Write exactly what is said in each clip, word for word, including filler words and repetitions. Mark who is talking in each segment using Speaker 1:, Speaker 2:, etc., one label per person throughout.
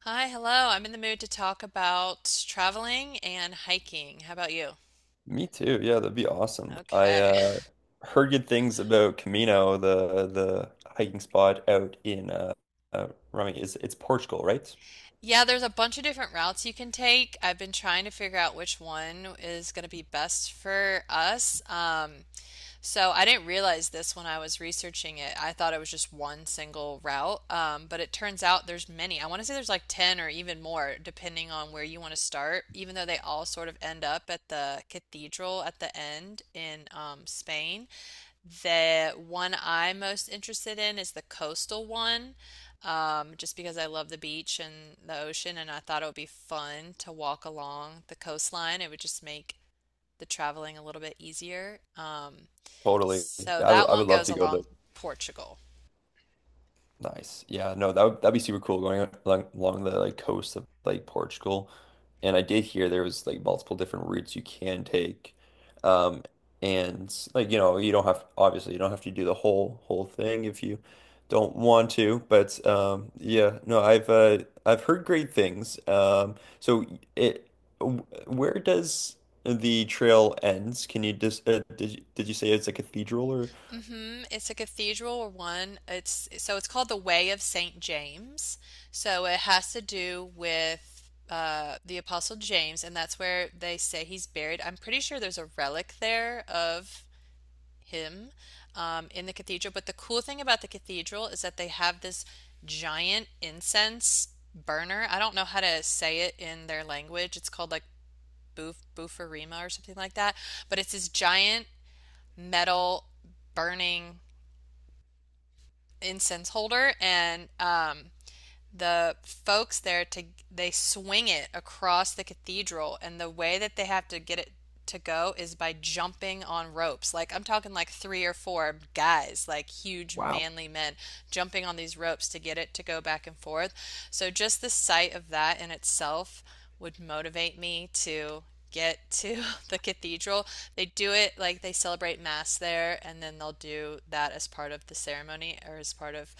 Speaker 1: Hi, hello. I'm in the mood to talk about traveling and hiking. How about you?
Speaker 2: Me too. Yeah, that'd be awesome. I
Speaker 1: Okay.
Speaker 2: uh, heard good things about Camino, the the hiking spot out in uh, uh Rumi. It's it's Portugal, right?
Speaker 1: Yeah, there's a bunch of different routes you can take. I've been trying to figure out which one is going to be best for us. Um, so I didn't realize this when I was researching it. I thought it was just one single route, um, but it turns out there's many. I want to say there's like ten or even more, depending on where you want to start, even though they all sort of end up at the cathedral at the end in um, Spain. The one I'm most interested in is the coastal one, um, just because I love the beach and the ocean, and I thought it would be fun to walk along the coastline. It would just make the traveling a little bit easier. Um,
Speaker 2: Totally.
Speaker 1: so
Speaker 2: I would
Speaker 1: that
Speaker 2: I
Speaker 1: one
Speaker 2: would love
Speaker 1: goes
Speaker 2: to go.
Speaker 1: along Portugal.
Speaker 2: Nice. Yeah, no, that would that'd be super cool going along, along the like coast of like Portugal. And I did hear there was like multiple different routes you can take. Um and like you know, you don't have obviously you don't have to do the whole whole thing if you don't want to, but um yeah, no, I've uh I've heard great things. Um so it w- where does the trail ends? Can you just uh, did you, did you say it's a cathedral or
Speaker 1: hmm It's a cathedral one. It's so it's called the Way of Saint James. So it has to do with uh, the Apostle James, and that's where they say he's buried. I'm pretty sure there's a relic there of him um, in the cathedral. But the cool thing about the cathedral is that they have this giant incense burner. I don't know how to say it in their language. It's called like buf bufarima or something like that. But it's this giant metal burning incense holder, and um the folks there to they swing it across the cathedral, and the way that they have to get it to go is by jumping on ropes. Like I'm talking like three or four guys, like huge
Speaker 2: Wow.
Speaker 1: manly men jumping on these ropes to get it to go back and forth. So just the sight of that in itself would motivate me to get to the cathedral. They do it like they celebrate mass there, and then they'll do that as part of the ceremony or as part of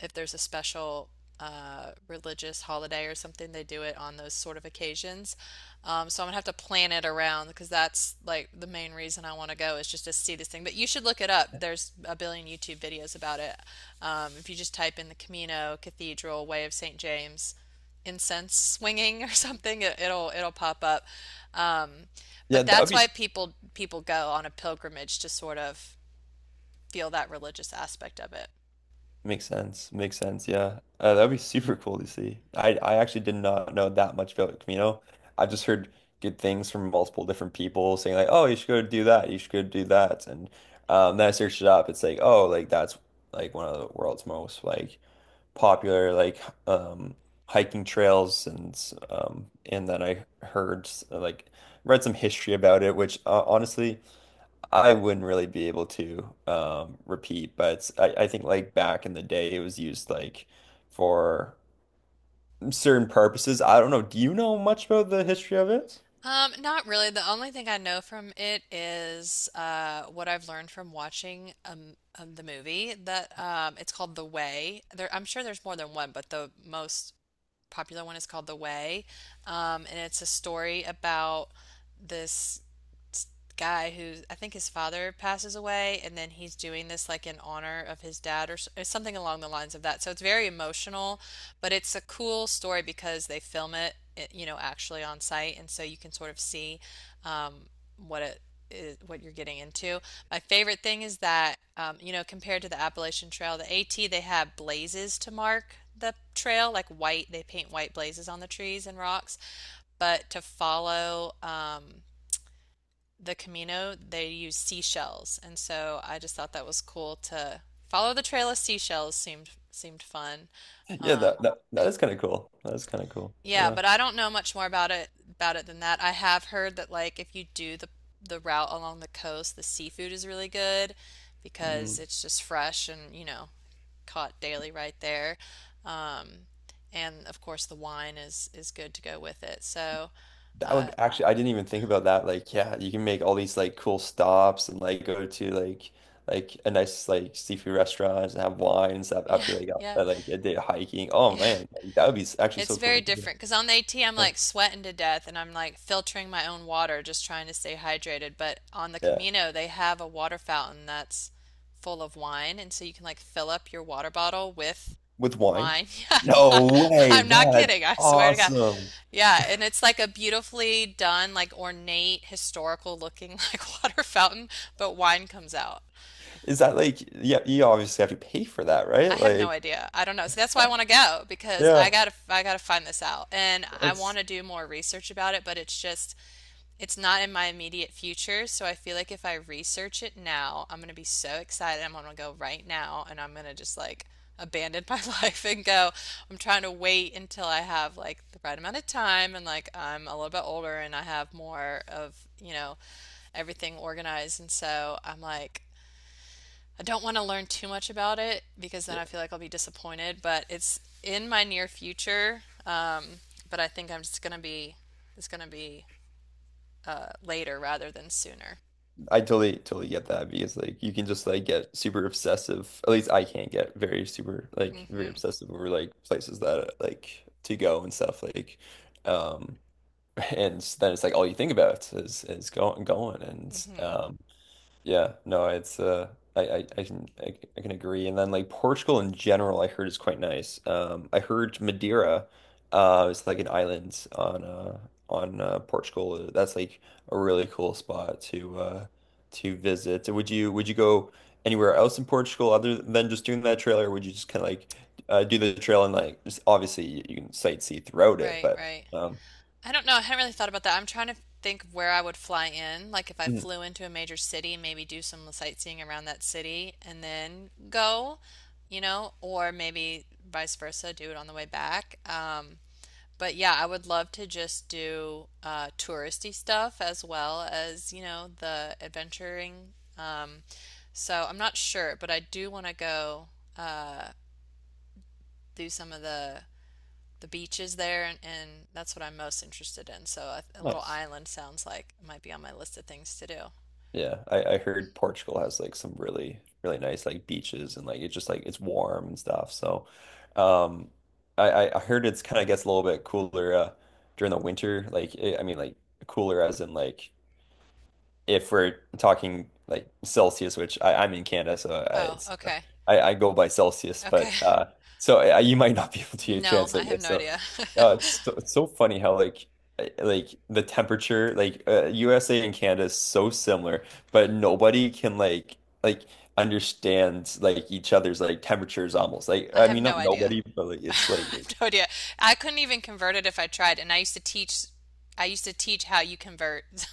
Speaker 1: if there's a special uh, religious holiday or something. They do it on those sort of occasions. Um, so I'm gonna have to plan it around because that's like the main reason I want to go is just to see this thing. But you should look it up. There's a billion YouTube videos about it. Um, if you just type in the Camino Cathedral Way of Saint James incense swinging or something, it, it'll it'll pop up. Um,
Speaker 2: Yeah,
Speaker 1: but
Speaker 2: that would
Speaker 1: that's
Speaker 2: be.
Speaker 1: why people people go on a pilgrimage to sort of feel that religious aspect of it.
Speaker 2: Makes sense. Makes sense. Yeah. Uh, that'd be super cool to see. I I actually did not know that much about Camino. I've just heard good things from multiple different people saying like, "Oh, you should go do that. You should go do that." And um, then I searched it up. It's like, "Oh, like that's like one of the world's most like popular like um hiking trails." And um and then I heard s- like read some history about it, which uh, honestly. I wouldn't really be able to um, repeat, but I, I think like back in the day, it was used like for certain purposes. I don't know. Do you know much about the history of it?
Speaker 1: Um, not really. The only thing I know from it is uh, what I've learned from watching um, um, the movie that um, it's called The Way. There, I'm sure there's more than one, but the most popular one is called The Way, um, and it's a story about this guy who I think his father passes away, and then he's doing this like in honor of his dad or something along the lines of that. So it's very emotional, but it's a cool story because they film it, it- you know, actually on site, and so you can sort of see um, what it is, what you're getting into. My favorite thing is that um, you know, compared to the Appalachian Trail, the A T, they have blazes to mark the trail, like white, they paint white blazes on the trees and rocks. But to follow um, the Camino, they use seashells, and so I just thought that was cool to follow the trail of seashells seemed seemed fun.
Speaker 2: Yeah,
Speaker 1: Um,
Speaker 2: that that, that is kind of cool. That is kind of cool.
Speaker 1: yeah,
Speaker 2: Yeah.
Speaker 1: but I don't know much more about it about it than that. I have heard that like if you do the the route along the coast, the seafood is really good
Speaker 2: Mm.
Speaker 1: because it's just fresh and, you know, caught daily right there. Um, and of course the wine is is good to go with it. So,
Speaker 2: That
Speaker 1: uh,
Speaker 2: would actually, I didn't even think about that. Like, yeah, you can make all these like cool stops and like go to like like a nice like seafood restaurant and have wine and stuff
Speaker 1: yeah,
Speaker 2: after like
Speaker 1: yeah,
Speaker 2: a, like a day of hiking. Oh
Speaker 1: yeah.
Speaker 2: man, like, that would be s- actually
Speaker 1: It's
Speaker 2: so
Speaker 1: very
Speaker 2: cool.
Speaker 1: different because on the A T, I'm
Speaker 2: Yeah.
Speaker 1: like sweating to death and I'm like filtering my own water, just trying to stay hydrated. But on the
Speaker 2: Yeah.
Speaker 1: Camino, they have a water fountain that's full of wine, and so you can like fill up your water bottle with
Speaker 2: With wine?
Speaker 1: wine. Yeah, yeah.
Speaker 2: No way.
Speaker 1: I'm not
Speaker 2: That's
Speaker 1: kidding. I swear to God.
Speaker 2: awesome.
Speaker 1: Yeah, and it's like a beautifully done, like ornate, historical looking like water fountain, but wine comes out.
Speaker 2: Is that like, yeah, you obviously have to pay for that,
Speaker 1: I
Speaker 2: right?
Speaker 1: have no
Speaker 2: Like,
Speaker 1: idea. I don't know. So that's why I want to go because I
Speaker 2: yeah,
Speaker 1: gotta I gotta find this out, and I want
Speaker 2: that's,
Speaker 1: to do more research about it, but it's just it's not in my immediate future. So I feel like if I research it now, I'm gonna be so excited. I'm gonna go right now, and I'm gonna just like abandon my life and go. I'm trying to wait until I have like the right amount of time and like I'm a little bit older and I have more of, you know, everything organized. And so I'm like, I don't want to learn too much about it because then
Speaker 2: yeah,
Speaker 1: I feel like I'll be disappointed, but it's in my near future. Um, but I think I'm just gonna be it's gonna be uh, later rather than sooner.
Speaker 2: I totally, totally get that because like you can just like get super obsessive. At least I can get very super, like, very
Speaker 1: hmm
Speaker 2: obsessive over like places that like to go and stuff. Like, um, and then it's like all you think about is is going, going. And,
Speaker 1: hmm
Speaker 2: um. Yeah, no, it's uh I, I, I can I, I can agree. And then like Portugal in general I heard is quite nice. Um I heard Madeira uh is like an island on uh on uh, Portugal. That's like a really cool spot to uh to visit. Would you would you go anywhere else in Portugal other than just doing that trail or would you just kind of like uh do the trail and like just obviously you, you can sightsee throughout it,
Speaker 1: Right,
Speaker 2: but
Speaker 1: right.
Speaker 2: um
Speaker 1: I don't know. I hadn't really thought about that. I'm trying to think of where I would fly in. Like if I
Speaker 2: mm,
Speaker 1: flew into a major city, maybe do some sightseeing around that city and then go, you know, or maybe vice versa, do it on the way back. Um, But yeah, I would love to just do uh, touristy stuff as well as, you know, the adventuring. Um, so I'm not sure, but I do want to go uh, do some of the the beaches there, and, and that's what I'm most interested in. So a, a little
Speaker 2: nice.
Speaker 1: island sounds like it might be on my list of things to do.
Speaker 2: Yeah, I, I heard Portugal has like some really really nice like beaches and like it's just like it's warm and stuff. So, um, I I I heard it's kind of gets a little bit cooler uh during the winter. Like it, I mean like cooler as in like if we're talking like Celsius, which I, I'm in Canada, so I,
Speaker 1: Oh,
Speaker 2: it's
Speaker 1: okay.
Speaker 2: I, I go by Celsius,
Speaker 1: Okay.
Speaker 2: but uh, so, I, you might not be able to
Speaker 1: No, I
Speaker 2: translate
Speaker 1: have
Speaker 2: this.
Speaker 1: no
Speaker 2: So
Speaker 1: idea.
Speaker 2: uh, it's so, it's so funny how like uh, like the temperature like uh, U S A and Canada is so similar, but nobody can like like understand like each other's like temperatures almost like
Speaker 1: I
Speaker 2: I
Speaker 1: have
Speaker 2: mean
Speaker 1: no
Speaker 2: not
Speaker 1: idea.
Speaker 2: nobody, but like
Speaker 1: I
Speaker 2: it's like
Speaker 1: have no idea. I couldn't even convert it if I tried, and I used to teach. I used to teach how you convert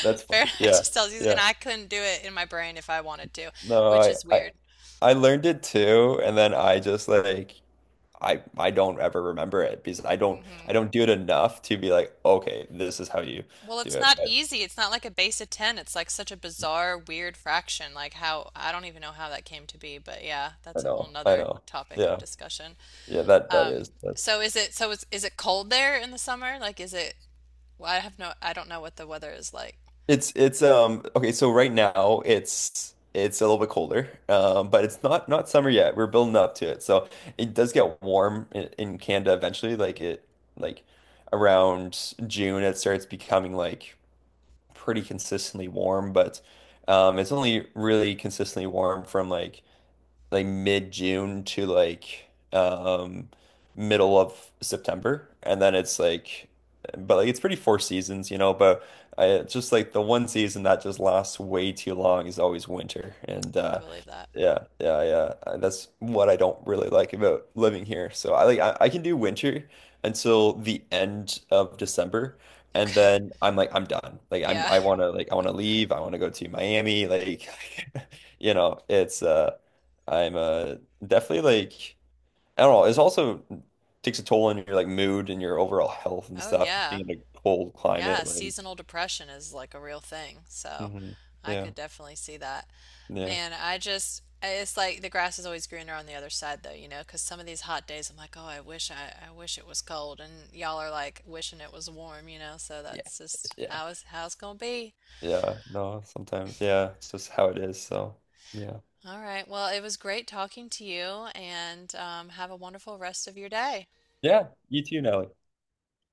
Speaker 2: that's funny.
Speaker 1: Fahrenheit
Speaker 2: Yeah,
Speaker 1: to Celsius, and
Speaker 2: yeah.
Speaker 1: I couldn't do it in my brain if I wanted to,
Speaker 2: No,
Speaker 1: which
Speaker 2: I
Speaker 1: is
Speaker 2: I
Speaker 1: weird.
Speaker 2: I learned it too, and then I just like. I I don't ever remember it because I don't I
Speaker 1: hmm
Speaker 2: don't do it enough to be like, okay, this is how you
Speaker 1: Well,
Speaker 2: do
Speaker 1: it's
Speaker 2: it.
Speaker 1: not
Speaker 2: But
Speaker 1: easy. It's not like a base of ten. It's like such a bizarre, weird fraction. Like how, I don't even know how that came to be, but yeah,
Speaker 2: I
Speaker 1: that's a whole
Speaker 2: know, I
Speaker 1: nother
Speaker 2: know.
Speaker 1: topic of
Speaker 2: Yeah.
Speaker 1: discussion.
Speaker 2: Yeah. that that
Speaker 1: Um,
Speaker 2: is that's
Speaker 1: so is it, so is, is it cold there in the summer? Like, is it, well, I have no, I don't know what the weather is like.
Speaker 2: it's it's um Okay, so right now it's it's a little bit colder. Um, but it's not not summer yet. We're building up to it. So it does get warm in, in Canada eventually. Like it like around June it starts becoming like pretty consistently warm, but um it's only really consistently warm from like like mid-June to like um middle of September, and then it's like but like it's pretty four seasons, you know, but I it's just like the one season that just lasts way too long is always winter. And
Speaker 1: I
Speaker 2: uh
Speaker 1: believe that.
Speaker 2: yeah, yeah, yeah. uh, That's what I don't really like about living here. So I like I, I can do winter until the end of December. And
Speaker 1: Okay.
Speaker 2: then I'm like, I'm done. Like I'm,
Speaker 1: Yeah.
Speaker 2: I want to like, I want to leave. I want to go to Miami. Like, you know, it's uh, I'm uh definitely like I don't know. It's also takes a toll on your like mood and your overall health and
Speaker 1: Oh
Speaker 2: stuff.
Speaker 1: yeah.
Speaker 2: Being in a cold
Speaker 1: Yeah,
Speaker 2: climate, like.
Speaker 1: seasonal depression is like a real thing. So
Speaker 2: Hmm.
Speaker 1: I
Speaker 2: Yeah,
Speaker 1: could definitely see that.
Speaker 2: yeah.
Speaker 1: Man, I just it's like the grass is always greener on the other side though, you know, 'cause some of these hot days I'm like, "Oh, I wish I I wish it was cold." And y'all are like wishing it was warm, you know. So
Speaker 2: Yeah,
Speaker 1: that's just
Speaker 2: yeah.
Speaker 1: how is how it's gonna be.
Speaker 2: Yeah. No, sometimes yeah, it's just how it is. So yeah,
Speaker 1: All right. Well, it was great talking to you, and um, have a wonderful rest of your day.
Speaker 2: yeah. You too, Nelly.